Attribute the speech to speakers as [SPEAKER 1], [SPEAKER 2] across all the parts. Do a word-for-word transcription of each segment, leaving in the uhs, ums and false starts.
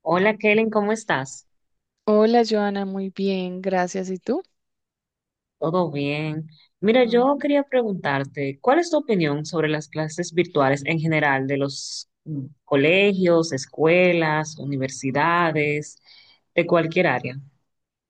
[SPEAKER 1] Hola Kellen, ¿cómo estás?
[SPEAKER 2] Hola, Joana, muy bien, gracias. ¿Y tú?
[SPEAKER 1] ¿Todo bien? Mira,
[SPEAKER 2] Mm.
[SPEAKER 1] yo quería preguntarte, ¿cuál es tu opinión sobre las clases virtuales en general de los mm, colegios, escuelas, universidades, de cualquier área?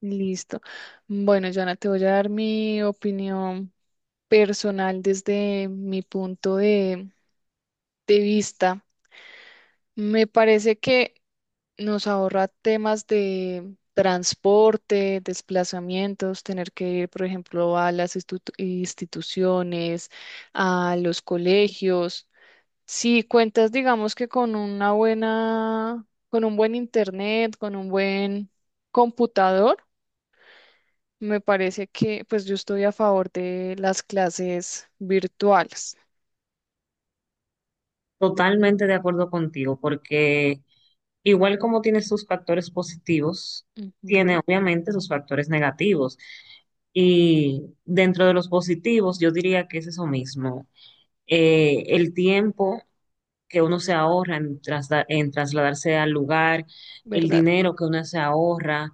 [SPEAKER 2] Listo. Bueno, Joana, te voy a dar mi opinión personal desde mi punto de, de vista. Me parece que nos ahorra temas de transporte, desplazamientos, tener que ir, por ejemplo, a las institu- instituciones, a los colegios. Si cuentas, digamos que con una buena, con un buen internet, con un buen computador, me parece que pues yo estoy a favor de las clases virtuales.
[SPEAKER 1] Totalmente de acuerdo contigo, porque igual como tiene sus factores positivos, tiene
[SPEAKER 2] Ujú,
[SPEAKER 1] obviamente sus factores negativos. Y dentro de los positivos, yo diría que es eso mismo. Eh, el tiempo que uno se ahorra en, trasla- en trasladarse al lugar, el
[SPEAKER 2] ¿verdad?
[SPEAKER 1] dinero que uno se ahorra,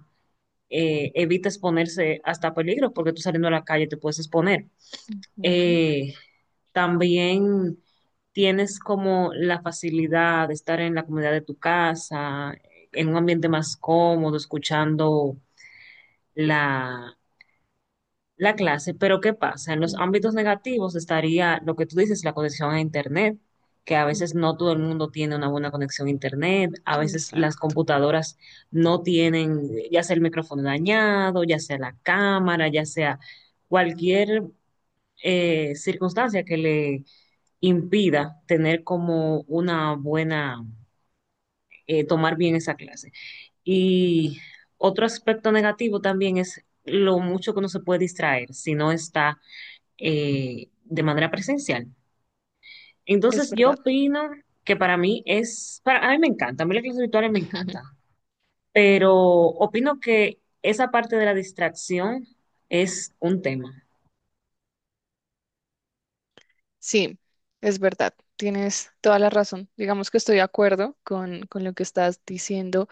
[SPEAKER 1] eh, evita exponerse hasta peligro porque tú saliendo a la calle te puedes exponer.
[SPEAKER 2] Ujú,
[SPEAKER 1] Eh, También tienes como la facilidad de estar en la comunidad de tu casa, en un ambiente más cómodo, escuchando la la clase, pero ¿qué pasa? En los ámbitos
[SPEAKER 2] ujú,
[SPEAKER 1] negativos estaría lo que tú dices, la conexión a Internet, que a
[SPEAKER 2] ujú,
[SPEAKER 1] veces no todo el mundo tiene una buena conexión a Internet, a veces las
[SPEAKER 2] exacto,
[SPEAKER 1] computadoras no tienen, ya sea el micrófono dañado, ya sea la cámara, ya sea cualquier eh, circunstancia que le impida tener como una buena, eh, tomar bien esa clase. Y otro aspecto negativo también es lo mucho que uno se puede distraer si no está eh, de manera presencial.
[SPEAKER 2] es
[SPEAKER 1] Entonces yo
[SPEAKER 2] verdad.
[SPEAKER 1] opino que para mí es, para, a mí me encanta, a mí las clases virtuales me encanta, pero opino que esa parte de la distracción es un tema.
[SPEAKER 2] Sí, es verdad, tienes toda la razón. Digamos que estoy de acuerdo con, con lo que estás diciendo,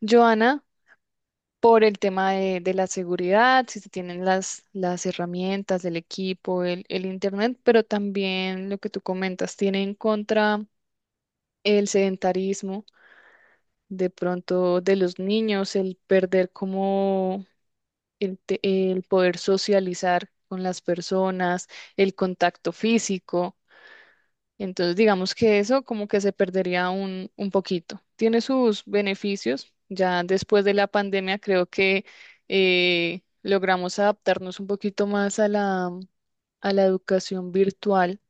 [SPEAKER 2] Joana. Por el tema de, de la seguridad, si se tienen las, las herramientas, el equipo, el, el internet, pero también lo que tú comentas, tiene en contra el sedentarismo, de pronto de los niños, el perder como el, te- el poder socializar con las personas, el contacto físico. Entonces, digamos que eso como que se perdería un, un poquito. Tiene sus beneficios. Ya después de la pandemia creo que eh, logramos adaptarnos un poquito más a la, a la educación virtual,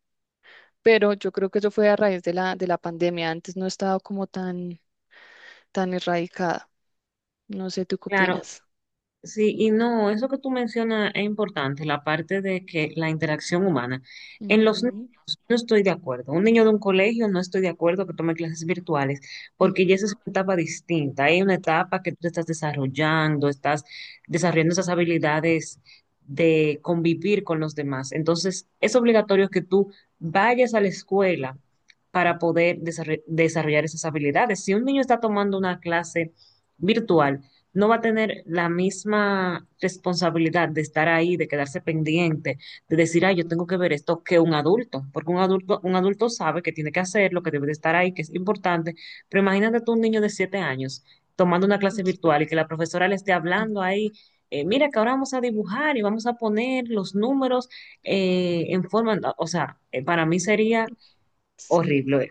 [SPEAKER 2] pero yo creo que eso fue a raíz de la, de la pandemia. Antes no estaba como tan, tan erradicada. No sé, ¿tú qué
[SPEAKER 1] Claro,
[SPEAKER 2] opinas?
[SPEAKER 1] sí, y no, eso que tú mencionas es importante, la parte de que la interacción humana. En los
[SPEAKER 2] Ujú,
[SPEAKER 1] niños no estoy de acuerdo. Un niño de un colegio no estoy de acuerdo que tome clases virtuales,
[SPEAKER 2] ujú,
[SPEAKER 1] porque ya esa es una etapa distinta. Hay una etapa que tú te estás desarrollando, estás desarrollando esas habilidades de convivir con los demás. Entonces, es obligatorio que tú vayas a la escuela para poder desarro- desarrollar esas habilidades. Si un niño está tomando una clase virtual, no va a tener la misma responsabilidad de estar ahí, de quedarse pendiente, de decir, ay, yo tengo que ver esto que un adulto, porque un adulto, un adulto sabe que tiene que hacerlo, que debe de estar ahí, que es importante, pero imagínate tú un niño de siete años tomando una clase
[SPEAKER 2] es verdad.
[SPEAKER 1] virtual y que la profesora le esté
[SPEAKER 2] Ujú.
[SPEAKER 1] hablando ahí, eh, mira que ahora vamos a dibujar y vamos a poner los números eh, en forma, o sea, eh, para mí sería
[SPEAKER 2] Sí,
[SPEAKER 1] horrible.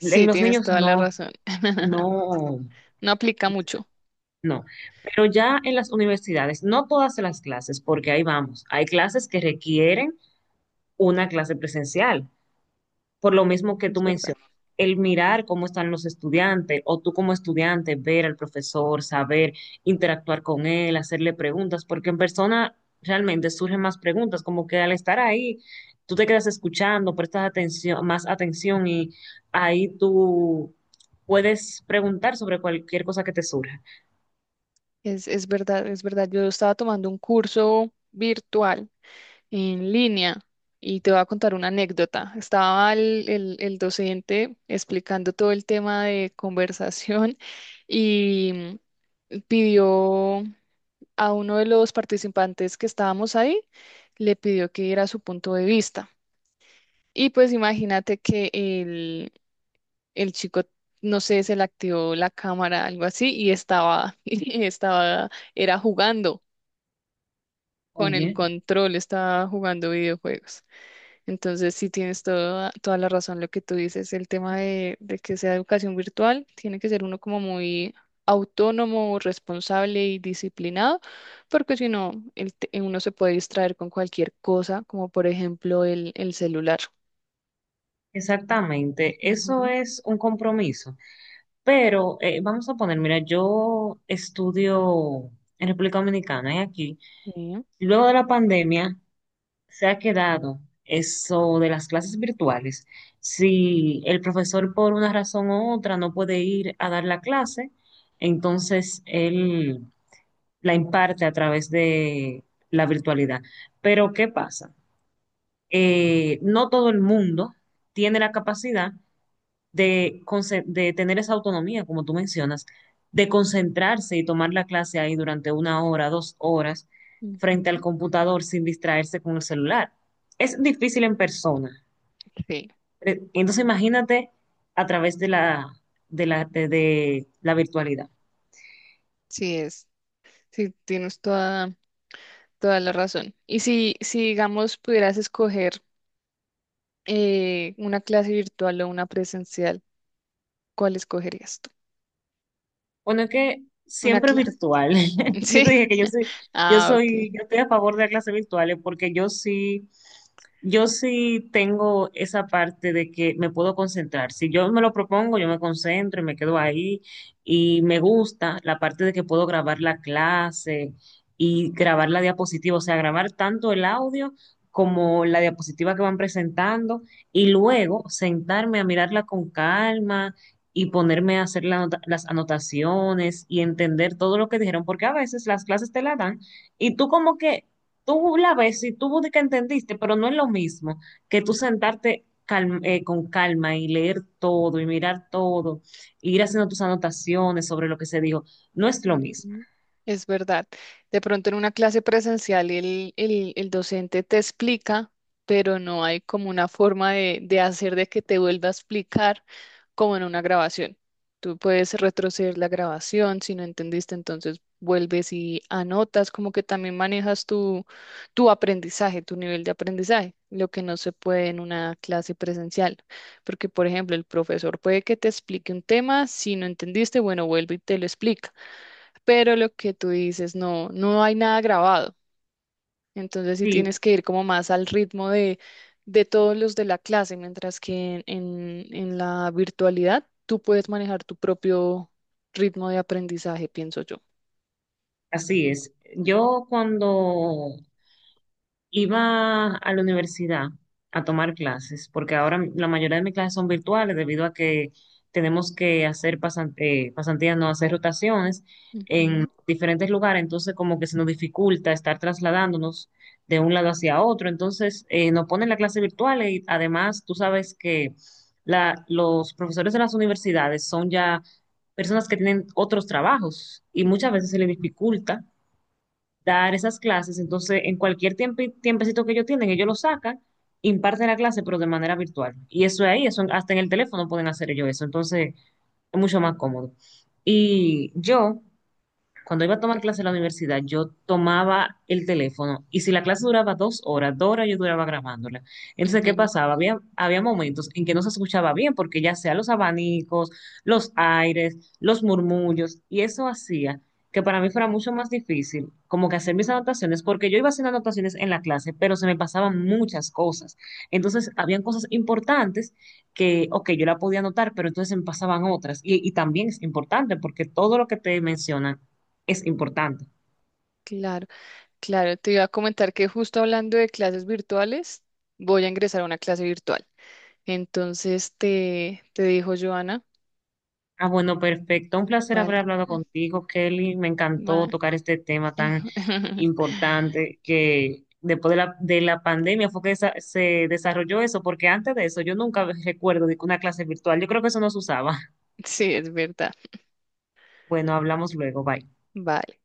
[SPEAKER 1] En los
[SPEAKER 2] tienes
[SPEAKER 1] niños
[SPEAKER 2] toda la
[SPEAKER 1] no,
[SPEAKER 2] razón.
[SPEAKER 1] no,
[SPEAKER 2] No aplica mucho,
[SPEAKER 1] no, pero ya en las universidades, no todas las clases, porque ahí vamos, hay clases que requieren una clase presencial, por lo mismo que tú
[SPEAKER 2] es verdad.
[SPEAKER 1] mencionas, el mirar cómo están los estudiantes o tú como estudiante, ver al profesor, saber interactuar con él, hacerle preguntas, porque en persona realmente surgen más preguntas, como que al estar ahí, tú te quedas escuchando, prestas atención, más atención y ahí tú puedes preguntar sobre cualquier cosa que te surja.
[SPEAKER 2] Es, es verdad, es verdad. Yo estaba tomando un curso virtual en línea y te voy a contar una anécdota. Estaba el, el- el docente explicando todo el tema de conversación y pidió a uno de los participantes que estábamos ahí, le pidió que diera su punto de vista. Y pues imagínate que el, el chico, no sé, se le activó la cámara, algo así, y estaba, y estaba, era jugando. Con el
[SPEAKER 1] Oye.
[SPEAKER 2] control estaba jugando videojuegos. Entonces, sí tienes toda, toda la razón lo que tú dices. El tema de, de que sea educación virtual, tiene que ser uno como muy autónomo, responsable y disciplinado, porque si no, el te- uno se puede distraer con cualquier cosa, como por ejemplo el, el celular.
[SPEAKER 1] Exactamente, eso
[SPEAKER 2] Ujú,
[SPEAKER 1] es un compromiso. Pero eh, vamos a poner, mira, yo estudio en República Dominicana y aquí,
[SPEAKER 2] sí,
[SPEAKER 1] luego de la pandemia, se ha quedado eso de las clases virtuales. Si el profesor por una razón u otra no puede ir a dar la clase, entonces él la imparte a través de la virtualidad. Pero ¿qué pasa? Eh, no todo el mundo tiene la capacidad de, conce- de tener esa autonomía, como tú mencionas, de concentrarse y tomar la clase ahí durante una hora, dos horas, frente al
[SPEAKER 2] ujú.
[SPEAKER 1] computador sin distraerse con el celular. Es difícil en persona.
[SPEAKER 2] Sí,
[SPEAKER 1] Eh, Entonces imagínate a través de la, de la, de de la virtualidad.
[SPEAKER 2] sí es. Sí, tienes toda, toda la razón. Y si, si digamos, pudieras escoger eh, una clase virtual o una presencial, ¿cuál escogerías tú?
[SPEAKER 1] Bueno, que
[SPEAKER 2] Una
[SPEAKER 1] siempre
[SPEAKER 2] clase.
[SPEAKER 1] virtual. Yo te
[SPEAKER 2] Sí.
[SPEAKER 1] dije que yo soy, yo
[SPEAKER 2] Ah, ok.
[SPEAKER 1] soy, yo estoy a favor de las clases virtuales porque yo sí, yo sí tengo esa parte de que me puedo concentrar. Si yo me lo propongo, yo me concentro y me quedo ahí. Y me gusta la parte de que puedo grabar la clase y grabar la diapositiva, o sea, grabar tanto el audio como la diapositiva que van presentando y luego sentarme a mirarla con calma y ponerme a hacer la anota- las anotaciones y entender todo lo que dijeron, porque a veces las clases te la dan y tú como que, tú la ves y tú de que entendiste, pero no es lo mismo que tú sentarte calm- eh, con calma y leer todo y mirar todo, e ir haciendo tus anotaciones sobre lo que se dijo, no es lo mismo.
[SPEAKER 2] Ujú. Es verdad. De pronto en una clase presencial el, el, el docente te explica, pero no hay como una forma de, de hacer de que te vuelva a explicar como en una grabación. Tú puedes retroceder la grabación, si no entendiste, entonces vuelves y anotas, como que también manejas tu, tu aprendizaje, tu nivel de aprendizaje, lo que no se puede en una clase presencial. Porque, por ejemplo, el profesor puede que te explique un tema, si no entendiste, bueno, vuelve y te lo explica, pero lo que tú dices, no, no hay nada grabado. Entonces sí
[SPEAKER 1] Sí,
[SPEAKER 2] tienes que ir como más al ritmo de, de todos los de la clase, mientras que en, en, la virtualidad tú puedes manejar tu propio ritmo de aprendizaje, pienso yo.
[SPEAKER 1] así es. Yo cuando iba a la universidad a tomar clases, porque ahora la mayoría de mis clases son virtuales debido a que tenemos que hacer pasan- eh, pasantías, no hacer rotaciones en
[SPEAKER 2] Ujú,
[SPEAKER 1] diferentes lugares, entonces como que se nos dificulta estar trasladándonos de un lado hacia otro, entonces eh, nos ponen la clase virtual y además tú sabes que la- los profesores de las universidades son ya personas que tienen otros trabajos y muchas veces se
[SPEAKER 2] ujú.
[SPEAKER 1] les dificulta dar esas clases. Entonces, en cualquier tiempo, tiempecito que ellos tienen, ellos lo sacan, imparten la clase, pero de manera virtual. Y eso es ahí, eso hasta en el teléfono pueden hacer ellos eso. Entonces, es mucho más cómodo. Y yo cuando iba a tomar clase en la universidad, yo tomaba el teléfono y si la clase duraba dos horas, dos horas yo duraba grabándola. Entonces, ¿qué pasaba? Había, había momentos en que no se escuchaba bien porque ya sea los abanicos, los aires, los murmullos y eso hacía que para mí fuera mucho más difícil como que hacer mis anotaciones porque yo iba haciendo anotaciones en la clase, pero se me pasaban muchas cosas. Entonces, habían cosas importantes que, ok, yo la podía anotar, pero entonces se me pasaban otras. Y, y también es importante porque todo lo que te mencionan es importante.
[SPEAKER 2] Claro. Claro, te, iba a comentar que justo hablando de clases virtuales, voy a ingresar a una clase virtual. Entonces te, te dijo Joana,
[SPEAKER 1] Ah, bueno, perfecto. Un placer haber
[SPEAKER 2] vale,
[SPEAKER 1] hablado contigo, Kelly. Me
[SPEAKER 2] va.
[SPEAKER 1] encantó tocar este tema tan importante que después de la, de la pandemia fue que esa- se desarrolló eso, porque antes de eso yo nunca recuerdo de que una clase virtual. Yo creo que eso no se usaba.
[SPEAKER 2] Sí, es verdad.
[SPEAKER 1] Bueno, hablamos luego. Bye.
[SPEAKER 2] Vale.